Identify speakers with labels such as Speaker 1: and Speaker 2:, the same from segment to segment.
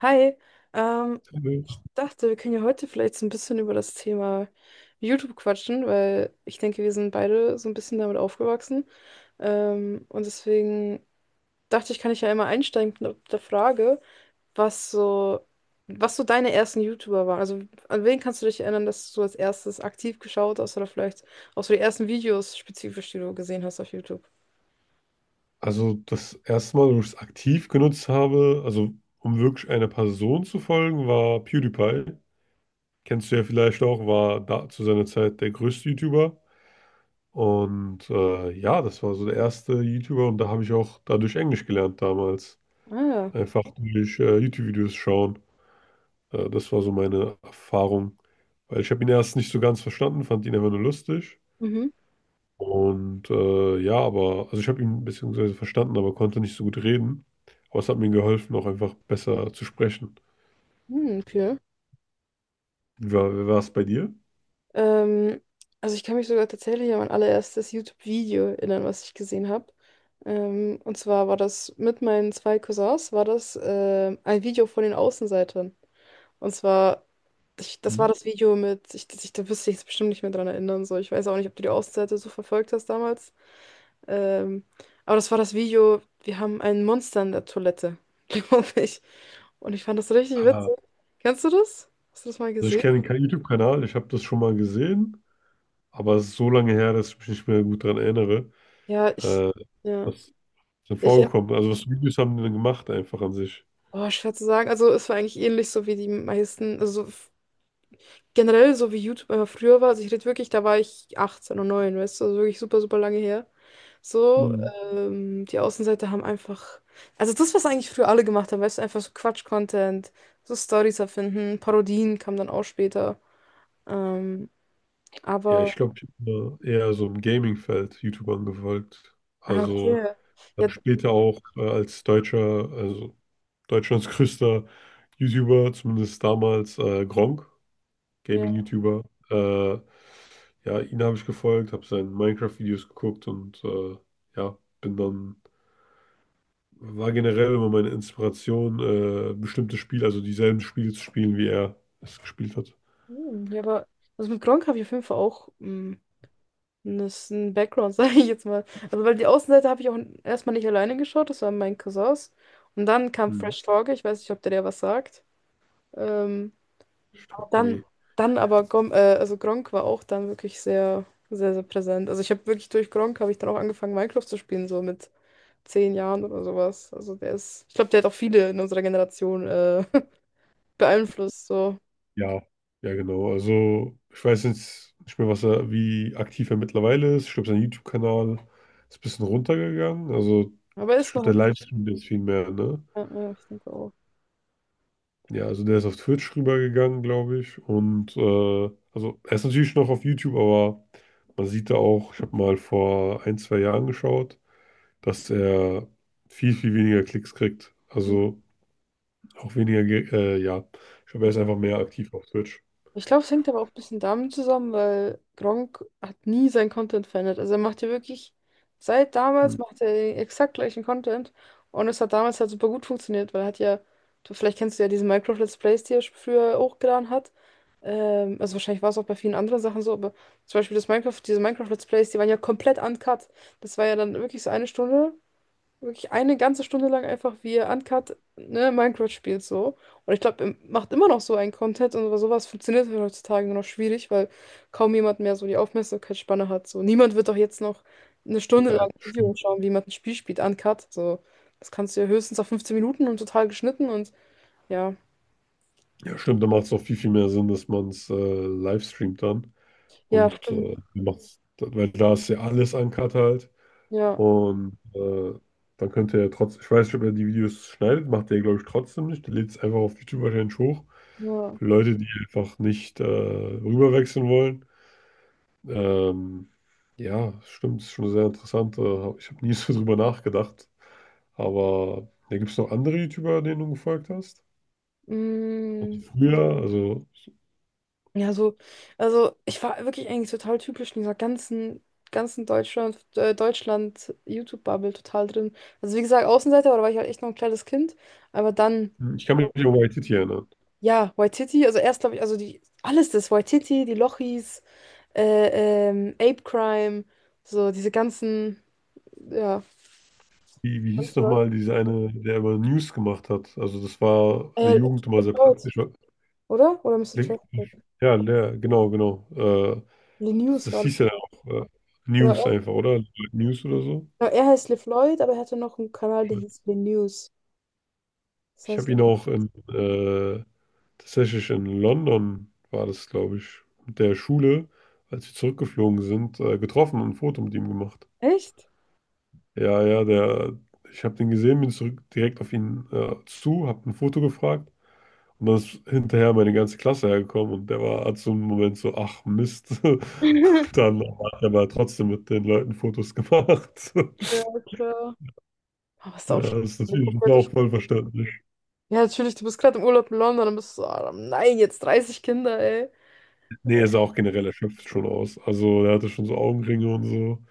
Speaker 1: Hi, ähm, dachte, wir können ja heute vielleicht so ein bisschen über das Thema YouTube quatschen, weil ich denke, wir sind beide so ein bisschen damit aufgewachsen. Und deswegen dachte ich, kann ich ja immer einsteigen mit der Frage, was so, was so deine ersten YouTuber waren. Also an wen kannst du dich erinnern, dass du als erstes aktiv geschaut hast oder vielleicht auch so die ersten Videos spezifisch, die du gesehen hast auf YouTube?
Speaker 2: Also das erste Mal, wo ich es aktiv genutzt habe, also um wirklich einer Person zu folgen, war PewDiePie. Kennst du ja vielleicht auch, war da zu seiner Zeit der größte YouTuber. Und das war so der erste YouTuber und da habe ich auch dadurch Englisch gelernt damals.
Speaker 1: Ah, ja.
Speaker 2: Einfach durch YouTube-Videos schauen. Das war so meine Erfahrung. Weil ich habe ihn erst nicht so ganz verstanden, fand ihn einfach nur lustig.
Speaker 1: Mhm.
Speaker 2: Und ja, aber, also ich habe ihn beziehungsweise verstanden, aber konnte nicht so gut reden. Aber es hat mir geholfen, auch einfach besser zu sprechen.
Speaker 1: Hm, okay.
Speaker 2: Wie war es bei dir?
Speaker 1: Ähm, also ich kann mich sogar tatsächlich an mein allererstes YouTube-Video erinnern, was ich gesehen habe. Und zwar war das mit meinen zwei Cousins, war das ein Video von den Außenseitern. Und zwar, das war
Speaker 2: Mhm.
Speaker 1: das Video da wirst du jetzt bestimmt nicht mehr dran erinnern, so. Ich weiß auch nicht, ob du die Außenseiter so verfolgt hast damals. Ähm, aber das war das Video, wir haben ein Monster in der Toilette, glaube ich. Und ich fand das richtig
Speaker 2: Ah,
Speaker 1: witzig. Kennst du das? Hast du das mal
Speaker 2: also ich
Speaker 1: gesehen?
Speaker 2: kenne keinen YouTube-Kanal, ich habe das schon mal gesehen, aber es ist so lange her, dass ich mich nicht mehr gut daran erinnere.
Speaker 1: Ja,
Speaker 2: Äh,
Speaker 1: ja.
Speaker 2: was ist denn
Speaker 1: Ja.
Speaker 2: vorgekommen? Ist. Also was für Videos haben die denn gemacht einfach an sich?
Speaker 1: Oh, schwer zu sagen. Also es war eigentlich ähnlich so wie die meisten, also generell so wie YouTube einfach früher war. Also ich rede wirklich, da war ich 18 und 9, weißt du, also wirklich super, super lange her. So,
Speaker 2: Mhm.
Speaker 1: die Außenseiter haben einfach, also das, was eigentlich früher alle gemacht haben, weißt du, einfach so Quatsch-Content, so Stories erfinden, Parodien kamen dann auch später. Ähm,
Speaker 2: Ja, ich
Speaker 1: aber,
Speaker 2: glaube, ich bin da eher so im Gaming-Feld YouTube angefolgt.
Speaker 1: ah,
Speaker 2: Also
Speaker 1: okay.
Speaker 2: dann
Speaker 1: Ja,
Speaker 2: später auch als deutscher, also Deutschlands größter YouTuber, zumindest damals, Gronkh,
Speaker 1: ja,
Speaker 2: Gaming-YouTuber. Äh, ja, ihn habe ich gefolgt, habe seine Minecraft-Videos geguckt und ja, bin dann, war generell immer meine Inspiration, bestimmte Spiele, also dieselben Spiele zu spielen, wie er es gespielt hat.
Speaker 1: hm, ja, aber also mit Gronkh habe ich auf jeden Fall auch. Das ist ein Background, sage ich jetzt mal. Also, weil die Außenseite habe ich auch erstmal nicht alleine geschaut, das waren meine Cousins. Und dann kam
Speaker 2: Hm.
Speaker 1: Fresh Torge, ich weiß nicht, ob der dir was sagt. Ähm,
Speaker 2: Ich glaub,
Speaker 1: dann,
Speaker 2: nee.
Speaker 1: also Gronkh war auch dann wirklich sehr, sehr, sehr präsent. Also, ich habe wirklich durch Gronkh habe ich dann auch angefangen, Minecraft zu spielen, so mit 10 Jahren oder sowas. Also, der ist, ich glaube, der hat auch viele in unserer Generation beeinflusst, so.
Speaker 2: Ja, ja, genau. Also, ich weiß jetzt nicht mehr, was er, wie aktiv er mittlerweile ist. Ich glaube, sein YouTube-Kanal ist ein bisschen runtergegangen. Also,
Speaker 1: Aber er
Speaker 2: ich
Speaker 1: ist
Speaker 2: glaube,
Speaker 1: noch.
Speaker 2: der Livestream ist viel mehr, ne?
Speaker 1: Ja, ja, ich denke auch.
Speaker 2: Ja, also der ist auf Twitch rübergegangen, glaube ich. Und also er ist natürlich noch auf YouTube, aber man sieht da auch, ich habe mal vor ein, zwei Jahren geschaut, dass er viel, viel weniger Klicks kriegt. Also auch weniger, Ich glaube, er ist einfach mehr aktiv auf Twitch.
Speaker 1: Ich glaube, es hängt aber auch ein bisschen damit zusammen, weil Gronkh hat nie seinen Content verändert. Also er macht ja wirklich, seit
Speaker 2: Hm.
Speaker 1: damals macht er den exakt gleichen Content und es hat damals halt super gut funktioniert, weil er hat ja, du, vielleicht kennst du ja diese Minecraft-Let's Plays, die er früher hochgeladen hat. Also wahrscheinlich war es auch bei vielen anderen Sachen so, aber zum Beispiel das Minecraft, diese Minecraft-Let's Plays, die waren ja komplett uncut. Das war ja dann wirklich so eine Stunde wirklich eine ganze Stunde lang einfach, wie ihr Uncut, ne, Minecraft spielt so. Und ich glaube, er macht immer noch so einen Content und sowas funktioniert halt heutzutage nur noch schwierig, weil kaum jemand mehr so die Aufmerksamkeitsspanne hat. So, niemand wird doch jetzt noch eine Stunde lang
Speaker 2: Ja,
Speaker 1: ein Video
Speaker 2: stimmt.
Speaker 1: schauen, wie jemand ein Spiel spielt, Uncut. So, das kannst du ja höchstens auf 15 Minuten und total geschnitten und ja.
Speaker 2: Ja, stimmt, da macht es auch viel, viel mehr Sinn, dass man es live streamt dann.
Speaker 1: Ja,
Speaker 2: Und
Speaker 1: stimmt.
Speaker 2: macht's, weil da ist ja alles uncut halt.
Speaker 1: Ja,
Speaker 2: Und dann könnt ihr ja trotzdem, ich weiß nicht, ob er die Videos schneidet, macht er, glaube ich, trotzdem nicht. Der lädt es einfach auf YouTube wahrscheinlich hoch.
Speaker 1: ja.
Speaker 2: Für Leute, die einfach nicht rüberwechseln wollen. Ähm, ja, stimmt, ist schon sehr interessant. Ich habe nie so drüber nachgedacht. Aber da gibt es noch andere YouTuber, denen du gefolgt hast?
Speaker 1: Mm.
Speaker 2: Früher, also
Speaker 1: Ja, so, also ich war wirklich eigentlich total typisch in dieser ganzen, Deutschland YouTube-Bubble total drin. Also wie gesagt, Außenseiter, aber da war ich halt echt noch ein kleines Kind. Aber dann,
Speaker 2: hm, ich kann mich nicht um YTT erinnern.
Speaker 1: ja, Waititi, also erst glaube ich, also die, alles das, Waititi, die Lochis, Ape Crime, so diese ganzen, ja,
Speaker 2: Wie, wie hieß
Speaker 1: ganzen Leute.
Speaker 2: nochmal dieser eine, der immer News gemacht hat? Also das war in der
Speaker 1: Äh,
Speaker 2: Jugend immer sehr
Speaker 1: LeFloid,
Speaker 2: praktisch, weil-
Speaker 1: oder? Oder Mister
Speaker 2: Le-
Speaker 1: Traffic.
Speaker 2: Ja, Lehr, genau, genau.
Speaker 1: Le
Speaker 2: Das,
Speaker 1: News
Speaker 2: das
Speaker 1: war.
Speaker 2: hieß ja auch
Speaker 1: Genau,
Speaker 2: News
Speaker 1: er,
Speaker 2: einfach, oder? News oder so.
Speaker 1: genau, er heißt LeFloid, aber er hatte noch einen Kanal, der hieß Le News. Das
Speaker 2: Ich
Speaker 1: heißt,
Speaker 2: habe ihn auch tatsächlich in London, war das, glaube ich, mit der Schule, als wir zurückgeflogen sind, getroffen und ein Foto mit ihm gemacht.
Speaker 1: echt?
Speaker 2: Ja, ja, der, ich habe den gesehen, bin zurück direkt auf ihn zu, habe ein Foto gefragt. Und dann ist hinterher meine ganze Klasse hergekommen und der war hat so einen Moment so, ach Mist. Und dann hat er aber trotzdem mit den Leuten Fotos gemacht.
Speaker 1: Ja, klar. Aber ist
Speaker 2: Ja,
Speaker 1: auch schon
Speaker 2: das ist
Speaker 1: eine
Speaker 2: natürlich
Speaker 1: komplette
Speaker 2: auch
Speaker 1: Sch.
Speaker 2: voll verständlich.
Speaker 1: Ja, natürlich, du bist gerade im Urlaub in London, dann bist du so, ah, nein, jetzt 30 Kinder, ey.
Speaker 2: Nee, er sah auch generell erschöpft schon aus. Also er hatte schon so Augenringe und so.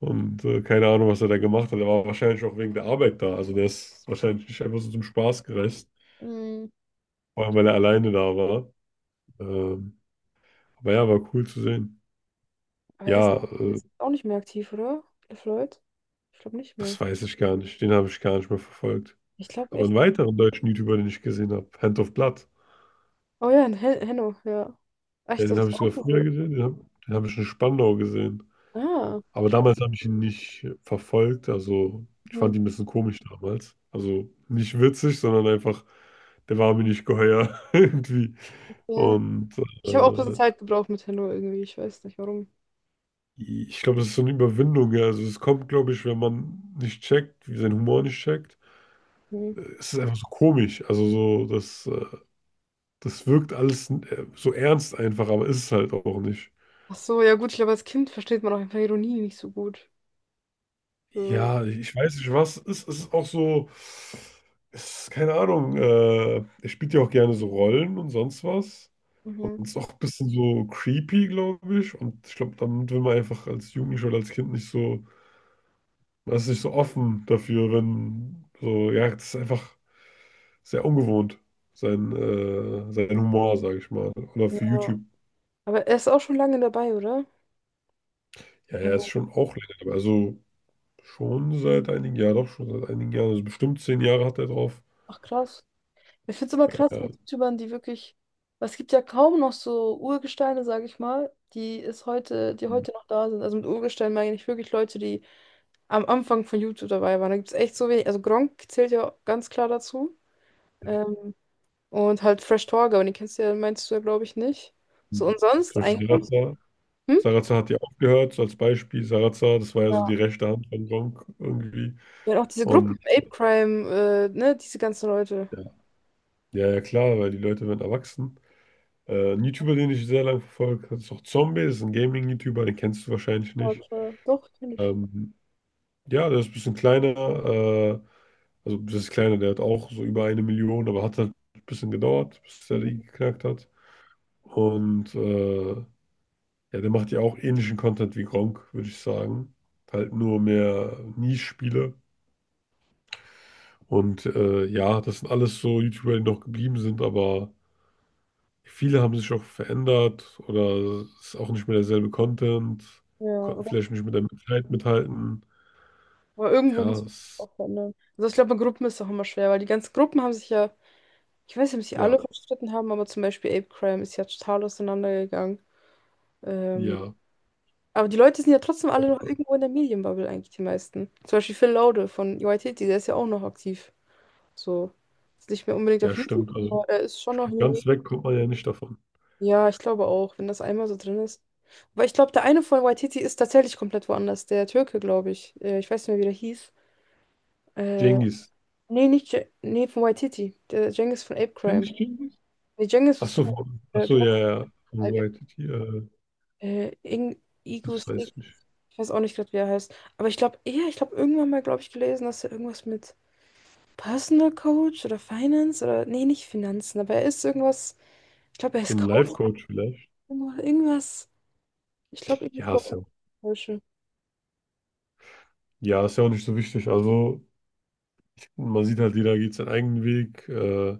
Speaker 2: Und keine Ahnung, was er da gemacht hat. Er war wahrscheinlich auch wegen der Arbeit da. Also der ist wahrscheinlich nicht einfach so zum Spaß gereist.
Speaker 1: Mhm.
Speaker 2: Vor allem, weil er alleine da war. Ähm, aber ja, war cool zu sehen.
Speaker 1: Aber er ist,
Speaker 2: Ja,
Speaker 1: er ist auch nicht mehr aktiv, oder? LeFloid? Ich glaube nicht mehr.
Speaker 2: das weiß ich gar nicht. Den habe ich gar nicht mehr verfolgt.
Speaker 1: Ich glaube
Speaker 2: Aber
Speaker 1: echt.
Speaker 2: einen weiteren deutschen YouTuber, den ich gesehen habe, Hand of Blood.
Speaker 1: Oh ja, in Henno, ja.
Speaker 2: Ja,
Speaker 1: Echt, das
Speaker 2: den habe
Speaker 1: ist
Speaker 2: ich
Speaker 1: auch
Speaker 2: sogar früher
Speaker 1: cool.
Speaker 2: gesehen, den hab ich in Spandau gesehen.
Speaker 1: Ah,
Speaker 2: Aber
Speaker 1: okay.
Speaker 2: damals habe ich ihn nicht verfolgt, also ich
Speaker 1: Mhm.
Speaker 2: fand ihn ein bisschen komisch damals. Also nicht witzig, sondern einfach, der war mir nicht geheuer irgendwie.
Speaker 1: Ja.
Speaker 2: Und
Speaker 1: Ich habe auch ein bisschen
Speaker 2: äh,
Speaker 1: Zeit gebraucht mit Henno irgendwie, ich weiß nicht warum.
Speaker 2: ich glaube, das ist so eine Überwindung, ja. Also es kommt, glaube ich, wenn man nicht checkt, wie sein Humor nicht checkt.
Speaker 1: Mhm.
Speaker 2: Es ist einfach so komisch. Also so, das, das wirkt alles so ernst einfach, aber ist es halt auch nicht.
Speaker 1: Ach so, ja gut, ich glaube, als Kind versteht man auch einfach Ironie nicht so gut. So.
Speaker 2: Ja, ich weiß nicht, was es ist. Es ist keine Ahnung, er spielt ja auch gerne so Rollen und sonst was. Und
Speaker 1: Mhm.
Speaker 2: ist auch ein bisschen so creepy, glaube ich. Und ich glaube, damit will man einfach als Jugendlicher oder als Kind nicht so, man ist nicht so offen dafür, wenn so, ja, das ist einfach sehr ungewohnt, sein Humor, sage ich mal. Oder
Speaker 1: Ja.
Speaker 2: für YouTube.
Speaker 1: Aber er ist auch schon lange dabei, oder?
Speaker 2: Ja,
Speaker 1: Ja.
Speaker 2: er ist schon auch länger dabei. Also schon seit einigen Jahren, doch schon seit einigen Jahren, also bestimmt zehn Jahre hat er drauf.
Speaker 1: Ach krass. Ich finde es immer krass
Speaker 2: Ja.
Speaker 1: mit YouTubern, die wirklich, weil es gibt ja kaum noch so Urgesteine, sage ich mal, die heute noch da sind. Also mit Urgesteinen meine ich wirklich Leute, die am Anfang von YouTube dabei waren. Da gibt es echt so wenig. Also Gronkh zählt ja ganz klar dazu. Ähm, und halt Fresh Torge, aber den kennst du ja, meinst du ja, glaube ich, nicht. So
Speaker 2: Mhm.
Speaker 1: und sonst
Speaker 2: Zum Beispiel Mhm.
Speaker 1: eigentlich.
Speaker 2: Sarazza.
Speaker 1: Hm?
Speaker 2: Sarazza hat ja aufgehört, so als Beispiel. Sarazza, das war ja so
Speaker 1: Ja.
Speaker 2: die rechte Hand von Gronk irgendwie.
Speaker 1: Ja, auch diese Gruppen,
Speaker 2: Und
Speaker 1: Ape Crime, ne, diese ganzen Leute.
Speaker 2: ja, ja, klar, weil die Leute werden erwachsen. Ein YouTuber, den ich sehr lange verfolge, ist auch Zombie, ist ein Gaming-YouTuber, den kennst du wahrscheinlich
Speaker 1: Ja,
Speaker 2: nicht.
Speaker 1: klar. Doch, finde ich.
Speaker 2: Ähm, ja, der ist ein bisschen kleiner, äh, also das ist kleiner, der hat auch so über eine Million, aber hat halt ein bisschen gedauert, bis der die
Speaker 1: Mhm.
Speaker 2: geknackt hat. Und ja, der macht ja auch ähnlichen Content wie Gronkh, würde ich sagen. Halt nur mehr Nischspiele. Und ja, das sind alles so YouTuber, die noch geblieben sind, aber viele haben sich auch verändert oder es ist auch nicht mehr derselbe Content,
Speaker 1: Ja,
Speaker 2: konnten
Speaker 1: oder
Speaker 2: vielleicht nicht mit der Zeit mithalten.
Speaker 1: Aber irgendwo
Speaker 2: Ja,
Speaker 1: muss man sich
Speaker 2: es,
Speaker 1: auch verändern. Also ich glaube, in Gruppen ist es auch immer schwer, weil die ganzen Gruppen haben sich ja, ich weiß nicht, ob sie alle
Speaker 2: ja,
Speaker 1: verstritten haben, aber zum Beispiel Ape Crime ist ja total auseinandergegangen. Ähm,
Speaker 2: ja,
Speaker 1: aber die Leute sind ja trotzdem alle noch irgendwo in der Medienbubble eigentlich, die meisten. Zum Beispiel Phil Laude von YTT, der ist ja auch noch aktiv. So. Ist nicht mehr unbedingt
Speaker 2: ja,
Speaker 1: auf
Speaker 2: stimmt.
Speaker 1: YouTube,
Speaker 2: Also
Speaker 1: aber er ist schon noch in den Medien.
Speaker 2: ganz weg kommt man ja nicht davon.
Speaker 1: Ja, ich glaube auch, wenn das einmal so drin ist. Aber ich glaube, der eine von YTT ist tatsächlich komplett woanders. Der Türke, glaube ich. Ich weiß nicht mehr, wie der hieß. Äh,
Speaker 2: Jengis
Speaker 1: Nee, nicht Je nee, von White City. Der Cengiz von Ape Crime.
Speaker 2: Kennst du Cengiz?
Speaker 1: Nee, Cengiz
Speaker 2: Ach
Speaker 1: ist der,
Speaker 2: so, von- ach
Speaker 1: der
Speaker 2: so,
Speaker 1: Glatt.
Speaker 2: ja, ja. Von YTT,
Speaker 1: Ing
Speaker 2: das
Speaker 1: Igus,
Speaker 2: weiß
Speaker 1: Ig
Speaker 2: ich nicht.
Speaker 1: ich weiß auch nicht gerade, wie er heißt. Aber ich glaube, ja, ich glaube, irgendwann mal, glaube ich, gelesen, dass er irgendwas mit Personal Coach oder Finance oder, nee, nicht Finanzen, aber er ist irgendwas, ich glaube, er
Speaker 2: So
Speaker 1: ist
Speaker 2: ein
Speaker 1: Coach
Speaker 2: Life-Coach vielleicht.
Speaker 1: oder irgendwas. Ich glaube, irgendwas
Speaker 2: Ja, ist
Speaker 1: was
Speaker 2: ja
Speaker 1: Falsche.
Speaker 2: Ja, ist ja auch nicht so wichtig. Also, man sieht halt, jeder geht seinen eigenen Weg.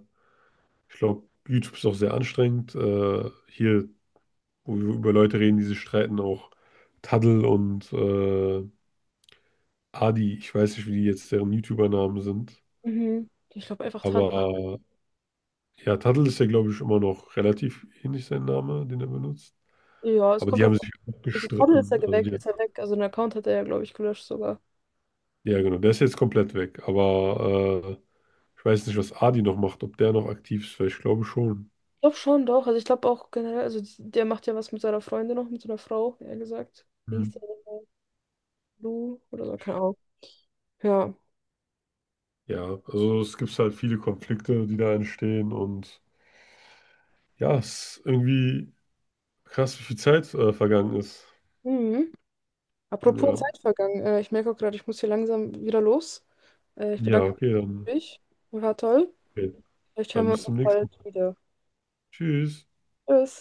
Speaker 2: Ich glaube, YouTube ist auch sehr anstrengend. Wo wir über Leute reden, die sich streiten, auch Taddel und Adi. Ich weiß nicht, wie die jetzt deren YouTuber-Namen sind.
Speaker 1: Mhm. Ich glaube einfach Tadel.
Speaker 2: Aber ja, Taddel ist ja, glaube ich, immer noch relativ ähnlich sein Name, den er benutzt.
Speaker 1: Ja, es
Speaker 2: Aber
Speaker 1: kommt
Speaker 2: die haben
Speaker 1: drauf an.
Speaker 2: sich auch
Speaker 1: Also Tadel ist
Speaker 2: gestritten.
Speaker 1: er
Speaker 2: Also,
Speaker 1: weg,
Speaker 2: die,
Speaker 1: ist er weg. Also ein Account hat er ja, glaube ich, gelöscht sogar.
Speaker 2: ja, genau. Der ist jetzt komplett weg. Aber ich weiß nicht, was Adi noch macht, ob der noch aktiv ist, weil ich glaube schon.
Speaker 1: Ich glaube schon doch. Also ich glaube auch generell, also der macht ja was mit seiner Freundin noch, mit seiner Frau, eher gesagt. Wie hieß der?
Speaker 2: Mhm.
Speaker 1: Lou oder so, keine Ahnung. Ja.
Speaker 2: Ja, also es gibt halt viele Konflikte, die da entstehen und ja, es ist irgendwie krass, wie viel Zeit vergangen ist.
Speaker 1: Mhm. Apropos
Speaker 2: Ja.
Speaker 1: Zeit vergangen. Ich merke auch gerade, ich muss hier langsam wieder los. Ich
Speaker 2: Ja,
Speaker 1: bedanke mich. War toll.
Speaker 2: okay,
Speaker 1: Vielleicht hören
Speaker 2: dann
Speaker 1: wir
Speaker 2: bis
Speaker 1: uns
Speaker 2: zum
Speaker 1: auch
Speaker 2: nächsten
Speaker 1: bald
Speaker 2: Mal.
Speaker 1: wieder.
Speaker 2: Tschüss.
Speaker 1: Tschüss.